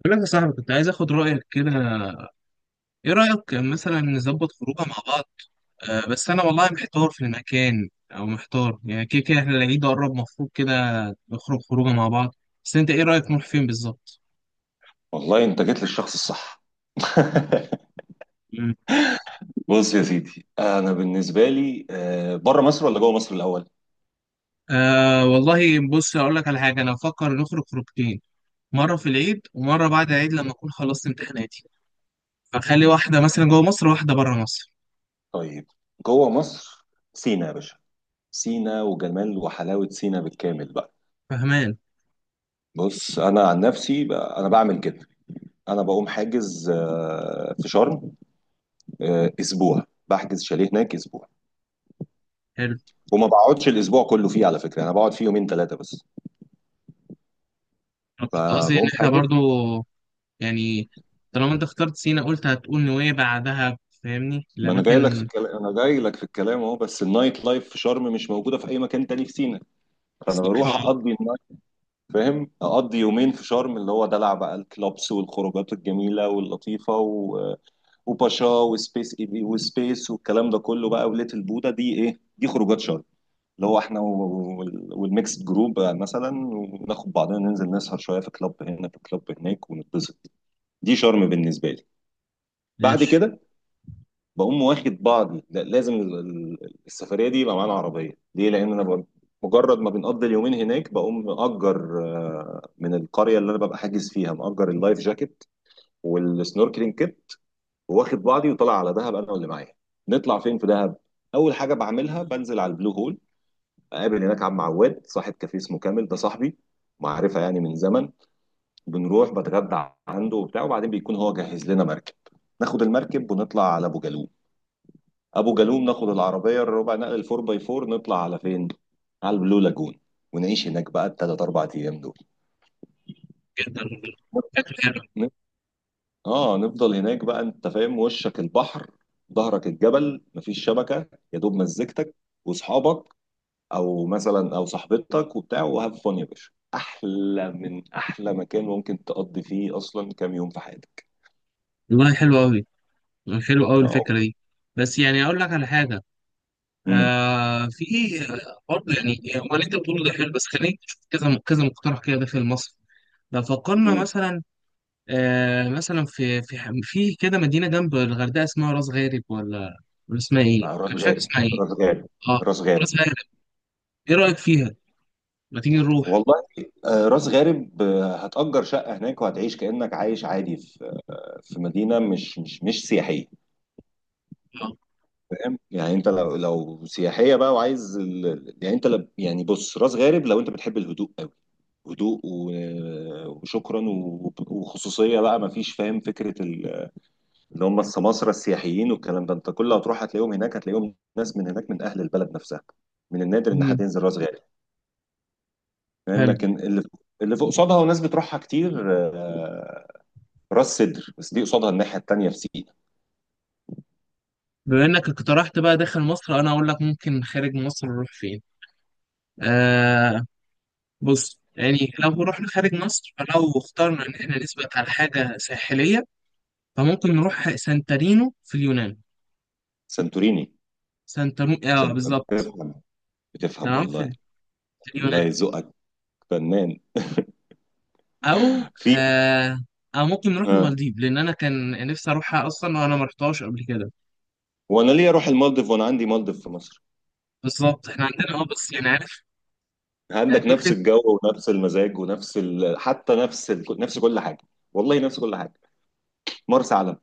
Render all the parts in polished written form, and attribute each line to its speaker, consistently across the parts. Speaker 1: بقول لك يا صاحبي، كنت عايز اخد رايك كده. ايه رايك مثلا نظبط خروجه مع بعض؟ أه، بس انا والله محتار في المكان، او محتار يعني، كده كده احنا العيد قرب، مفروض كده نخرج خروجه مع بعض. بس انت ايه رايك نروح فين بالظبط؟
Speaker 2: والله انت جيت للشخص الصح.
Speaker 1: مم.
Speaker 2: بص يا سيدي، انا بالنسبه لي، بره مصر ولا جوه مصر الاول؟
Speaker 1: أه، والله بص، اقول لك على حاجه، انا بفكر نخرج خروجتين، مره في العيد ومره بعد العيد لما اكون خلصت امتحاناتي، فخلي واحده مثلا جوه مصر وواحده بره مصر.
Speaker 2: طيب، جوه مصر. سينا يا باشا، سينا وجمال وحلاوه سينا بالكامل بقى.
Speaker 1: فاهمان؟
Speaker 2: بص انا عن نفسي بقى، انا بعمل كده. انا بقوم حاجز في شرم، اسبوع، بحجز شاليه هناك اسبوع.
Speaker 1: حلو.
Speaker 2: وما بقعدش الاسبوع كله فيه، على فكره انا بقعد فيه يومين ثلاثه بس،
Speaker 1: أنا كنت قصدي ان
Speaker 2: فبقوم
Speaker 1: احنا
Speaker 2: حاجز.
Speaker 1: برضو يعني طالما انت اخترت سينا، قلت هتقول نويبع دهب. فاهمني
Speaker 2: ما انا جاي لك في
Speaker 1: الأماكن؟
Speaker 2: الكلام، انا جاي لك في الكلام اهو. بس النايت لايف في شرم مش موجوده في اي مكان تاني في سينا، فانا
Speaker 1: الصراحة.
Speaker 2: بروح اقضي النايت. فاهم؟ اقضي يومين في شرم، اللي هو دلع بقى، الكلوبس والخروجات الجميله واللطيفه وباشا وسبيس اي بي وسبيس والكلام ده كله بقى، وليتل بودا دي، ايه دي، خروجات شرم. اللي هو احنا والميكس جروب مثلا، وناخد بعضنا ننزل نسهر شويه في كلاب هنا في كلاب هناك ونتبسط. دي شرم بالنسبه لي. بعد
Speaker 1: ماشي.
Speaker 2: كده بقوم واخد بعضي. لا، لازم السفريه دي يبقى معانا عربيه، ليه؟ لان انا مجرد ما بنقضي اليومين هناك بقوم مأجر من القريه اللي انا ببقى حاجز فيها، مأجر اللايف جاكيت والسنوركلينج كيت، واخد بعضي وطالع على دهب انا واللي معايا. نطلع فين في دهب؟ اول حاجه بعملها بنزل على البلو هول، اقابل هناك عم عواد، صاحب كافيه اسمه كامل، ده صاحبي، معرفه يعني من زمن. بنروح بتغدى عنده وبتاع، وبعدين بيكون هو جهز لنا مركب، ناخد المركب ونطلع على ابو جالوم. ابو جالوم ناخد العربيه الربع نقل الفور باي فور، نطلع على فين؟ على البلو لاجون. ونعيش هناك بقى الثلاث اربع ايام دول.
Speaker 1: جدا، فكرة حلوة.
Speaker 2: ن- اه نفضل هناك بقى. انت فاهم؟ وشك البحر، ظهرك الجبل، مفيش شبكه، يا دوب مزجتك واصحابك، او مثلا او صاحبتك وبتاع، وهاف فun يا باشا، احلى من احلى مكان ممكن تقضي فيه اصلا كام يوم في حياتك.
Speaker 1: والله حلو أوي، حلو أوي
Speaker 2: اه.
Speaker 1: الفكرة دي. بس يعني أقول لك على حاجة.
Speaker 2: امم
Speaker 1: آه، في برضه، يعني هو اللي أنت بتقوله ده حلو، بس خليني أشوف كذا كذا مقترح كده داخل مصر. لو فكرنا
Speaker 2: امم
Speaker 1: مثلا آه، مثلا في كده مدينة جنب الغردقة، اسمها راس غارب، ولا اسمها إيه؟
Speaker 2: مع راس
Speaker 1: أنا مش فاكر
Speaker 2: غارب.
Speaker 1: اسمها إيه.
Speaker 2: راس غارب،
Speaker 1: أه،
Speaker 2: راس غارب.
Speaker 1: راس غارب. إيه رأيك فيها؟ ما تيجي نروح.
Speaker 2: والله راس غارب، هتأجر شقة هناك وهتعيش كأنك عايش عادي في في مدينة مش سياحية.
Speaker 1: آه.
Speaker 2: فاهم يعني؟ انت لو لو سياحية بقى وعايز يعني انت يعني بص، راس غارب لو انت بتحب الهدوء أوي، هدوء وشكرا وخصوصية بقى، ما فيش. فاهم فكرة اللي هم السماسرة السياحيين والكلام ده، انت كل ما تروح هتلاقيهم هناك، هتلاقيهم ناس من هناك من أهل البلد نفسها. من النادر ان حد
Speaker 1: مم.
Speaker 2: ينزل راس غارب. فاهم؟
Speaker 1: حلو.
Speaker 2: لكن اللي اللي فوق قصادها وناس بتروحها كتير راس سدر، بس دي قصادها الناحية التانية في سينا.
Speaker 1: بما انك اقترحت بقى داخل مصر، انا اقول لك ممكن خارج مصر نروح فين. آه، بص يعني لو رحنا خارج مصر، فلو اخترنا ان احنا نثبت على حاجه ساحليه، فممكن نروح سانتارينو في اليونان.
Speaker 2: سانتوريني.
Speaker 1: سانتارينو، اه،
Speaker 2: سنت...
Speaker 1: بالظبط.
Speaker 2: بتفهم، بتفهم
Speaker 1: تمام.
Speaker 2: والله.
Speaker 1: في
Speaker 2: الله
Speaker 1: اليونان.
Speaker 2: يذوقك فنان.
Speaker 1: او
Speaker 2: في.
Speaker 1: آه او ممكن نروح
Speaker 2: ها.
Speaker 1: المالديف، لان انا كان نفسي اروحها اصلا، وانا ما رحتهاش قبل كده.
Speaker 2: وانا ليه اروح المالديف وانا عندي مالديف في مصر؟
Speaker 1: بالظبط، احنا عندنا، اه، بس يعني عارف. آه،
Speaker 2: عندك نفس
Speaker 1: فكره.
Speaker 2: الجو ونفس المزاج ونفس ال... حتى نفس ال... نفس كل حاجة. والله نفس كل حاجة. مرسى علم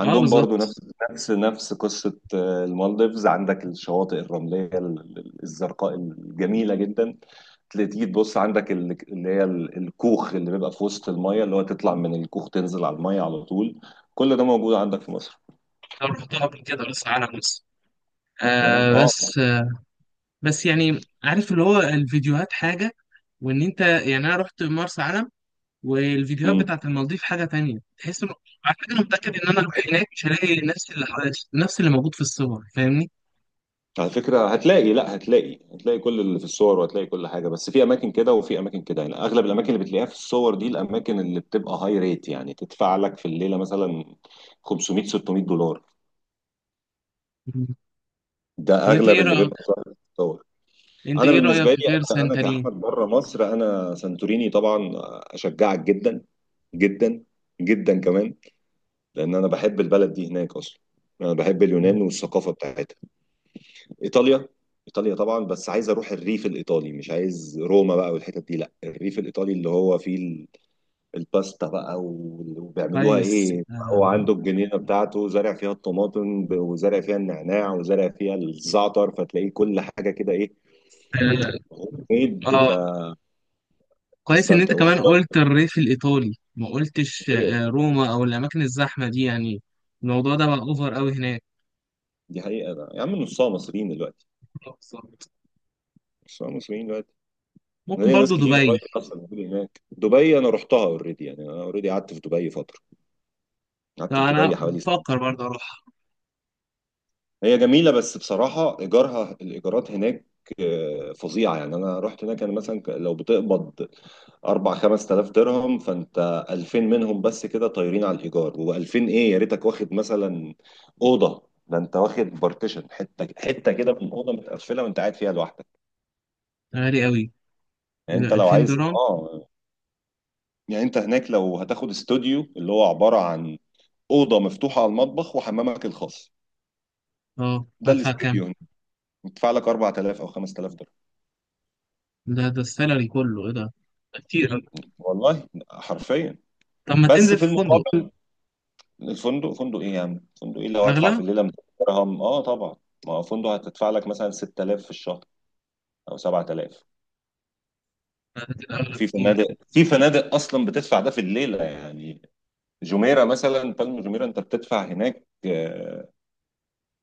Speaker 1: اه،
Speaker 2: برضو
Speaker 1: بالظبط.
Speaker 2: نفس نفس نفس قصة المالديفز. عندك الشواطئ الرملية الزرقاء الجميلة جدا. تيجي تبص عندك اللي هي الكوخ اللي بيبقى في وسط المية، اللي هو تطلع من الكوخ تنزل على المية على طول. كل ده موجود عندك في مصر.
Speaker 1: لو رحتها قبل كده، بس على مصر.
Speaker 2: فاهم؟
Speaker 1: آه،
Speaker 2: اه.
Speaker 1: بس بس يعني عارف، اللي هو الفيديوهات حاجة، وان انت يعني انا رحت مرسى علم، والفيديوهات
Speaker 2: امم
Speaker 1: بتاعت المالديف حاجة تانية، تحس انه على فكرة انا متأكد ان انا اروح هناك مش هلاقي نفس اللي موجود في الصور. فاهمني؟
Speaker 2: على فكرة هتلاقي، لا هتلاقي، هتلاقي كل اللي في الصور وهتلاقي كل حاجة، بس في أماكن كده وفي أماكن كده. يعني أغلب الأماكن اللي بتلاقيها في الصور دي الأماكن اللي بتبقى هاي ريت، يعني تدفع لك في الليلة مثلا 500 600 دولار.
Speaker 1: مم. طب
Speaker 2: ده
Speaker 1: انت
Speaker 2: أغلب
Speaker 1: ايه
Speaker 2: اللي
Speaker 1: رأيك؟
Speaker 2: بيبقى ظاهر في الصور. أنا بالنسبة لي،
Speaker 1: غير
Speaker 2: أنا
Speaker 1: سانتارين.
Speaker 2: كأحمد، بره مصر أنا سانتوريني طبعا. أشجعك جدا، جدا، جدا كمان. لان انا بحب البلد دي هناك اصلا، انا بحب
Speaker 1: مم.
Speaker 2: اليونان والثقافه بتاعتها. ايطاليا. ايطاليا طبعا، بس عايز اروح الريف الايطالي، مش عايز روما بقى والحتت دي، لا الريف الايطالي اللي هو فيه الباستا بقى وبيعملوها
Speaker 1: كويس،
Speaker 2: ايه. هو
Speaker 1: آه.
Speaker 2: عنده الجنينه بتاعته زارع فيها الطماطم وزارع فيها النعناع وزارع فيها الزعتر، فتلاقيه كل حاجه كده ايه.
Speaker 1: آه.
Speaker 2: هوم ميد.
Speaker 1: آه. كويس ان انت
Speaker 2: فتستمتع.
Speaker 1: كمان قلت الريف الايطالي، ما قلتش
Speaker 2: ايوه.
Speaker 1: آه، روما او الاماكن الزحمة دي يعني. الموضوع ده بقى اوفر قوي هناك.
Speaker 2: دي حقيقه بقى. يا عم نصها مصريين دلوقتي،
Speaker 1: آه، بالظبط.
Speaker 2: نصها مصريين دلوقتي.
Speaker 1: ممكن
Speaker 2: ليا ناس
Speaker 1: برضو
Speaker 2: كتير قريب
Speaker 1: دبي.
Speaker 2: اصلا موجودة هناك. دبي انا رحتها اوريدي، يعني انا اوريدي قعدت في دبي فتره، قعدت في
Speaker 1: فأنا
Speaker 2: دبي حوالي سنه.
Speaker 1: بفكر برضه أروح.
Speaker 2: هي جميله بس بصراحه ايجارها، الايجارات هناك فظيعه. يعني انا رحت هناك، انا مثلا لو بتقبض 4 5000 درهم، فانت 2000 منهم بس كده طايرين على الايجار، و2000 ايه يا ريتك واخد مثلا اوضه، ده انت واخد بارتيشن حته حته كده من اوضه متقفله وانت قاعد فيها لوحدك.
Speaker 1: غالي أوي. إيه
Speaker 2: يعني انت
Speaker 1: ده،
Speaker 2: لو
Speaker 1: 2000
Speaker 2: عايز،
Speaker 1: درهم
Speaker 2: اه، يعني انت هناك لو هتاخد استوديو اللي هو عبارة عن اوضه مفتوحه على المطبخ وحمامك الخاص،
Speaker 1: أه،
Speaker 2: ده
Speaker 1: هدفع كام؟
Speaker 2: الاستوديو هنا تدفع لك 4000 او 5000 دولار.
Speaker 1: ده السالري كله إيه ده؟ ده كتير أوي.
Speaker 2: والله حرفيا.
Speaker 1: طب ما
Speaker 2: بس
Speaker 1: تنزل
Speaker 2: في
Speaker 1: في فندق.
Speaker 2: المقابل الفندق، فندق ايه يا عم، فندق ايه؟ لو هدفع في
Speaker 1: أغلى؟
Speaker 2: الليله 200 درهم اه طبعا، ما هو فندق هتدفع لك مثلا 6000 في الشهر او 7000.
Speaker 1: لا، ده كده أغلى
Speaker 2: في فنادق،
Speaker 1: بكتير.
Speaker 2: في فنادق اصلا بتدفع ده في الليله. يعني جميره مثلا، بالم جميره، انت بتدفع هناك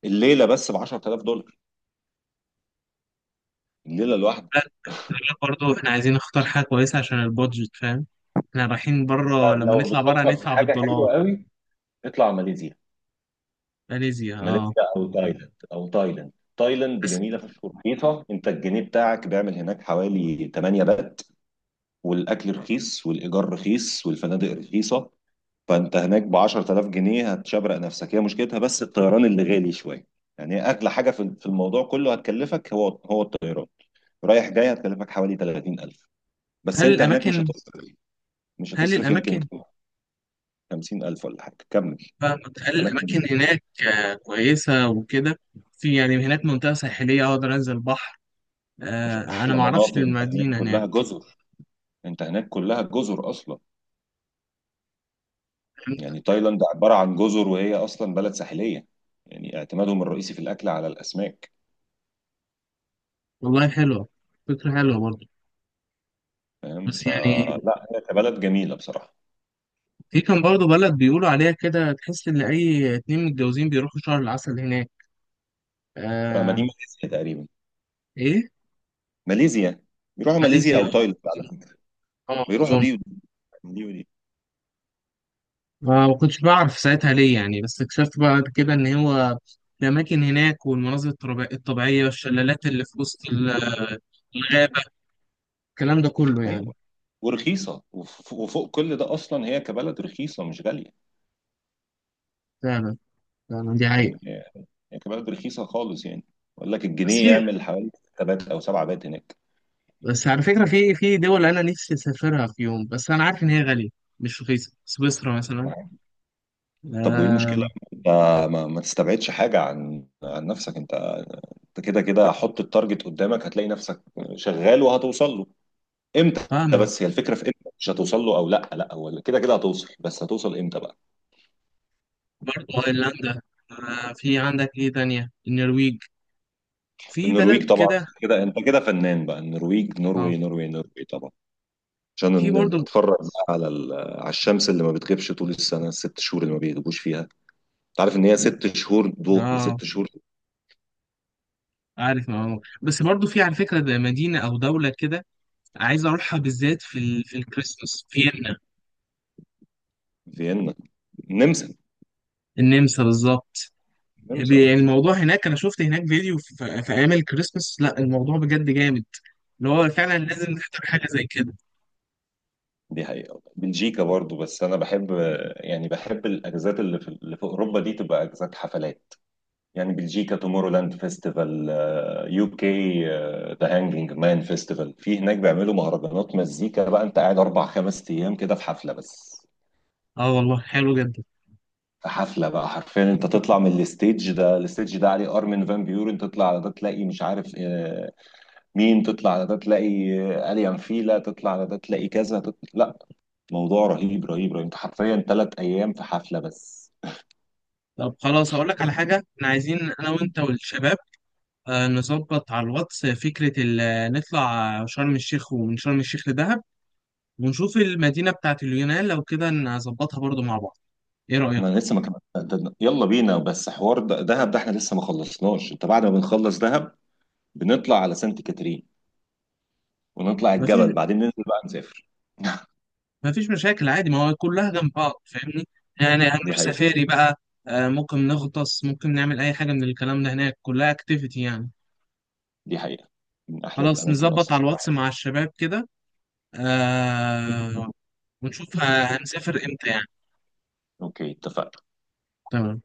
Speaker 2: الليله بس ب 10000 دولار، الليله الواحده.
Speaker 1: لا، لا، برضه إحنا عايزين نختار حاجة كويسة عشان البادجت، فاهم؟ إحنا رايحين بره، لما
Speaker 2: لو
Speaker 1: نطلع بره
Speaker 2: بتفكر في
Speaker 1: هندفع
Speaker 2: حاجه
Speaker 1: بالدولار.
Speaker 2: حلوه قوي، اطلع ماليزيا.
Speaker 1: ماليزيا، أه.
Speaker 2: ماليزيا او تايلاند، او تايلاند. تايلاند
Speaker 1: بس.
Speaker 2: جميله فشخ ورخيصه. انت الجنيه بتاعك بيعمل هناك حوالي 8 بات. والاكل رخيص والايجار رخيص والفنادق رخيصه، فانت هناك ب 10000 جنيه هتشبرق نفسك. هي مشكلتها بس الطيران اللي غالي شويه، يعني هي اغلى حاجه في الموضوع كله هتكلفك، هو الطيران رايح جاي. هتكلفك حوالي 30000، بس
Speaker 1: هل
Speaker 2: انت هناك مش
Speaker 1: الأماكن
Speaker 2: هتصرف، مش
Speaker 1: هل
Speaker 2: هتصرف يمكن
Speaker 1: الأماكن
Speaker 2: 50000 ولا حاجه. كمل.
Speaker 1: فاهمك، هل
Speaker 2: اماكن،
Speaker 1: الأماكن هناك آه، كويسة وكده؟ في يعني هناك منطقة ساحلية أقدر أنزل البحر؟
Speaker 2: مش
Speaker 1: آه، أنا
Speaker 2: احلى
Speaker 1: معرفش
Speaker 2: مناطق؟ انت هناك
Speaker 1: المدينة هناك.
Speaker 2: كلها جزر، انت هناك كلها جزر اصلا. يعني تايلاند عبارة عن جزر، وهي أصلا بلد ساحلية، يعني اعتمادهم الرئيسي في الأكل على الأسماك.
Speaker 1: والله حلوة، فكرة حلوة برضه.
Speaker 2: فاهم؟
Speaker 1: بس يعني،
Speaker 2: فلا هي كبلد جميلة بصراحة.
Speaker 1: في كان برضه بلد بيقولوا عليها كده، تحس إن أي اتنين متجوزين بيروحوا شهر العسل هناك.
Speaker 2: ما دي
Speaker 1: آه.
Speaker 2: ماليزيا تقريبا.
Speaker 1: إيه؟
Speaker 2: ماليزيا. بيروحوا ماليزيا
Speaker 1: ماليزيا.
Speaker 2: أو تايلاند على فكرة،
Speaker 1: اه،
Speaker 2: بيروحوا
Speaker 1: أظن.
Speaker 2: دي ودي، دي ودي.
Speaker 1: ما كنتش بعرف ساعتها ليه يعني، بس اكتشفت بعد كده إن هو الأماكن هناك والمناظر الطبيعية والشلالات اللي في وسط الغابة، الكلام ده كله يعني.
Speaker 2: أيوة. ورخيصة وفوق كل ده، أصلا هي كبلد رخيصة مش غالية.
Speaker 1: فعلا، فعلا دي
Speaker 2: فاهم؟
Speaker 1: حقيقة.
Speaker 2: هي كبلد رخيصة خالص. يعني بقول لك
Speaker 1: بس
Speaker 2: الجنيه
Speaker 1: هي،
Speaker 2: يعمل حوالي 6 بات أو 7 بات هناك.
Speaker 1: بس على فكرة، في دول أنا نفسي أسافرها في يوم، بس أنا عارف إن هي غالية، مش رخيصة، سويسرا مثلا.
Speaker 2: طب وإيه
Speaker 1: آه.
Speaker 2: المشكلة؟ ما تستبعدش حاجة عن نفسك أنت. انت كده كده حط التارجت قدامك، هتلاقي نفسك شغال وهتوصل له. امتى؟
Speaker 1: فاهمة.
Speaker 2: بس هي الفكره في امتى. مش هتوصل له، او لا لا، هو كده كده هتوصل، بس هتوصل امتى بقى.
Speaker 1: برضه أيرلندا. آه، في عندك إيه تانية؟ النرويج. في بلد
Speaker 2: النرويج طبعا،
Speaker 1: كده.
Speaker 2: كده انت كده فنان بقى. النرويج،
Speaker 1: اه.
Speaker 2: نروي نروي نروي طبعا، عشان
Speaker 1: في برضه.
Speaker 2: اتفرج بقى على على الشمس اللي ما بتغيبش طول السنه، الست شهور اللي ما بيغيبوش فيها. انت عارف ان هي ست شهور ضوء
Speaker 1: اه،
Speaker 2: وست شهور.
Speaker 1: عارف معلومة، بس برضه في على فكرة ده مدينة أو دولة كده عايز أروحها بالذات في الكريسماس. فيينا.
Speaker 2: فيينا، النمسا.
Speaker 1: النمسا بالظبط.
Speaker 2: النمسا اه.
Speaker 1: الموضوع هناك، أنا شفت هناك فيديو في أيام الكريسماس. لا، الموضوع بجد جامد، اللي هو فعلا لازم نحضر حاجة زي كده.
Speaker 2: دي حقيقة. بلجيكا برضو، بس أنا بحب، يعني بحب الأجازات اللي في، اللي في أوروبا دي تبقى أجازات حفلات. يعني بلجيكا تومورو لاند فيستيفال، يو كي ذا هانجينج مان فيستيفال. في هناك بيعملوا مهرجانات مزيكا بقى، انت قاعد اربع خمس ايام كده في حفله بس،
Speaker 1: اه، والله حلو جدا.
Speaker 2: في حفله بقى حرفيا. انت تطلع من الستيج ده الستيج ده عليه ارمن فان بيورن، تطلع على ده تلاقي مش عارف مين، تطلع على ده تلاقي اليان فيلا، تطلع على ده تلاقي كذا، تطلع. لا، موضوع رهيب رهيب رهيب، انت حرفيا ثلاث ايام في حفله بس.
Speaker 1: طب خلاص، أقول لك على حاجة، احنا عايزين أنا وأنت والشباب آه، نظبط على الواتس فكرة نطلع شرم الشيخ، ومن شرم الشيخ لدهب، ونشوف المدينة بتاعت اليونان لو كده نظبطها برضو مع بعض. ايه رأيك؟
Speaker 2: ما انا لسه ما كمان، يلا بينا بس. حوار دهب ده احنا لسه ما خلصناش، انت بعد ما بنخلص دهب بنطلع على سانت كاترين، ونطلع
Speaker 1: مفيش
Speaker 2: الجبل، بعدين ننزل بقى نسافر.
Speaker 1: مفيش مشاكل، عادي، ما هو كلها جنب بعض، فاهمني؟ يعني
Speaker 2: دي
Speaker 1: هنروح
Speaker 2: حقيقة،
Speaker 1: سفاري بقى، آه، ممكن نغطس، ممكن نعمل أي حاجة من الكلام ده، هناك كلها اكتيفيتي يعني.
Speaker 2: دي حقيقة. من احلى
Speaker 1: خلاص
Speaker 2: الاماكن
Speaker 1: نظبط
Speaker 2: اصلا
Speaker 1: على الواتس
Speaker 2: الواحد.
Speaker 1: مع الشباب كده، آه. ونشوف هنسافر امتى يعني.
Speaker 2: اوكي، اتفقنا.
Speaker 1: تمام.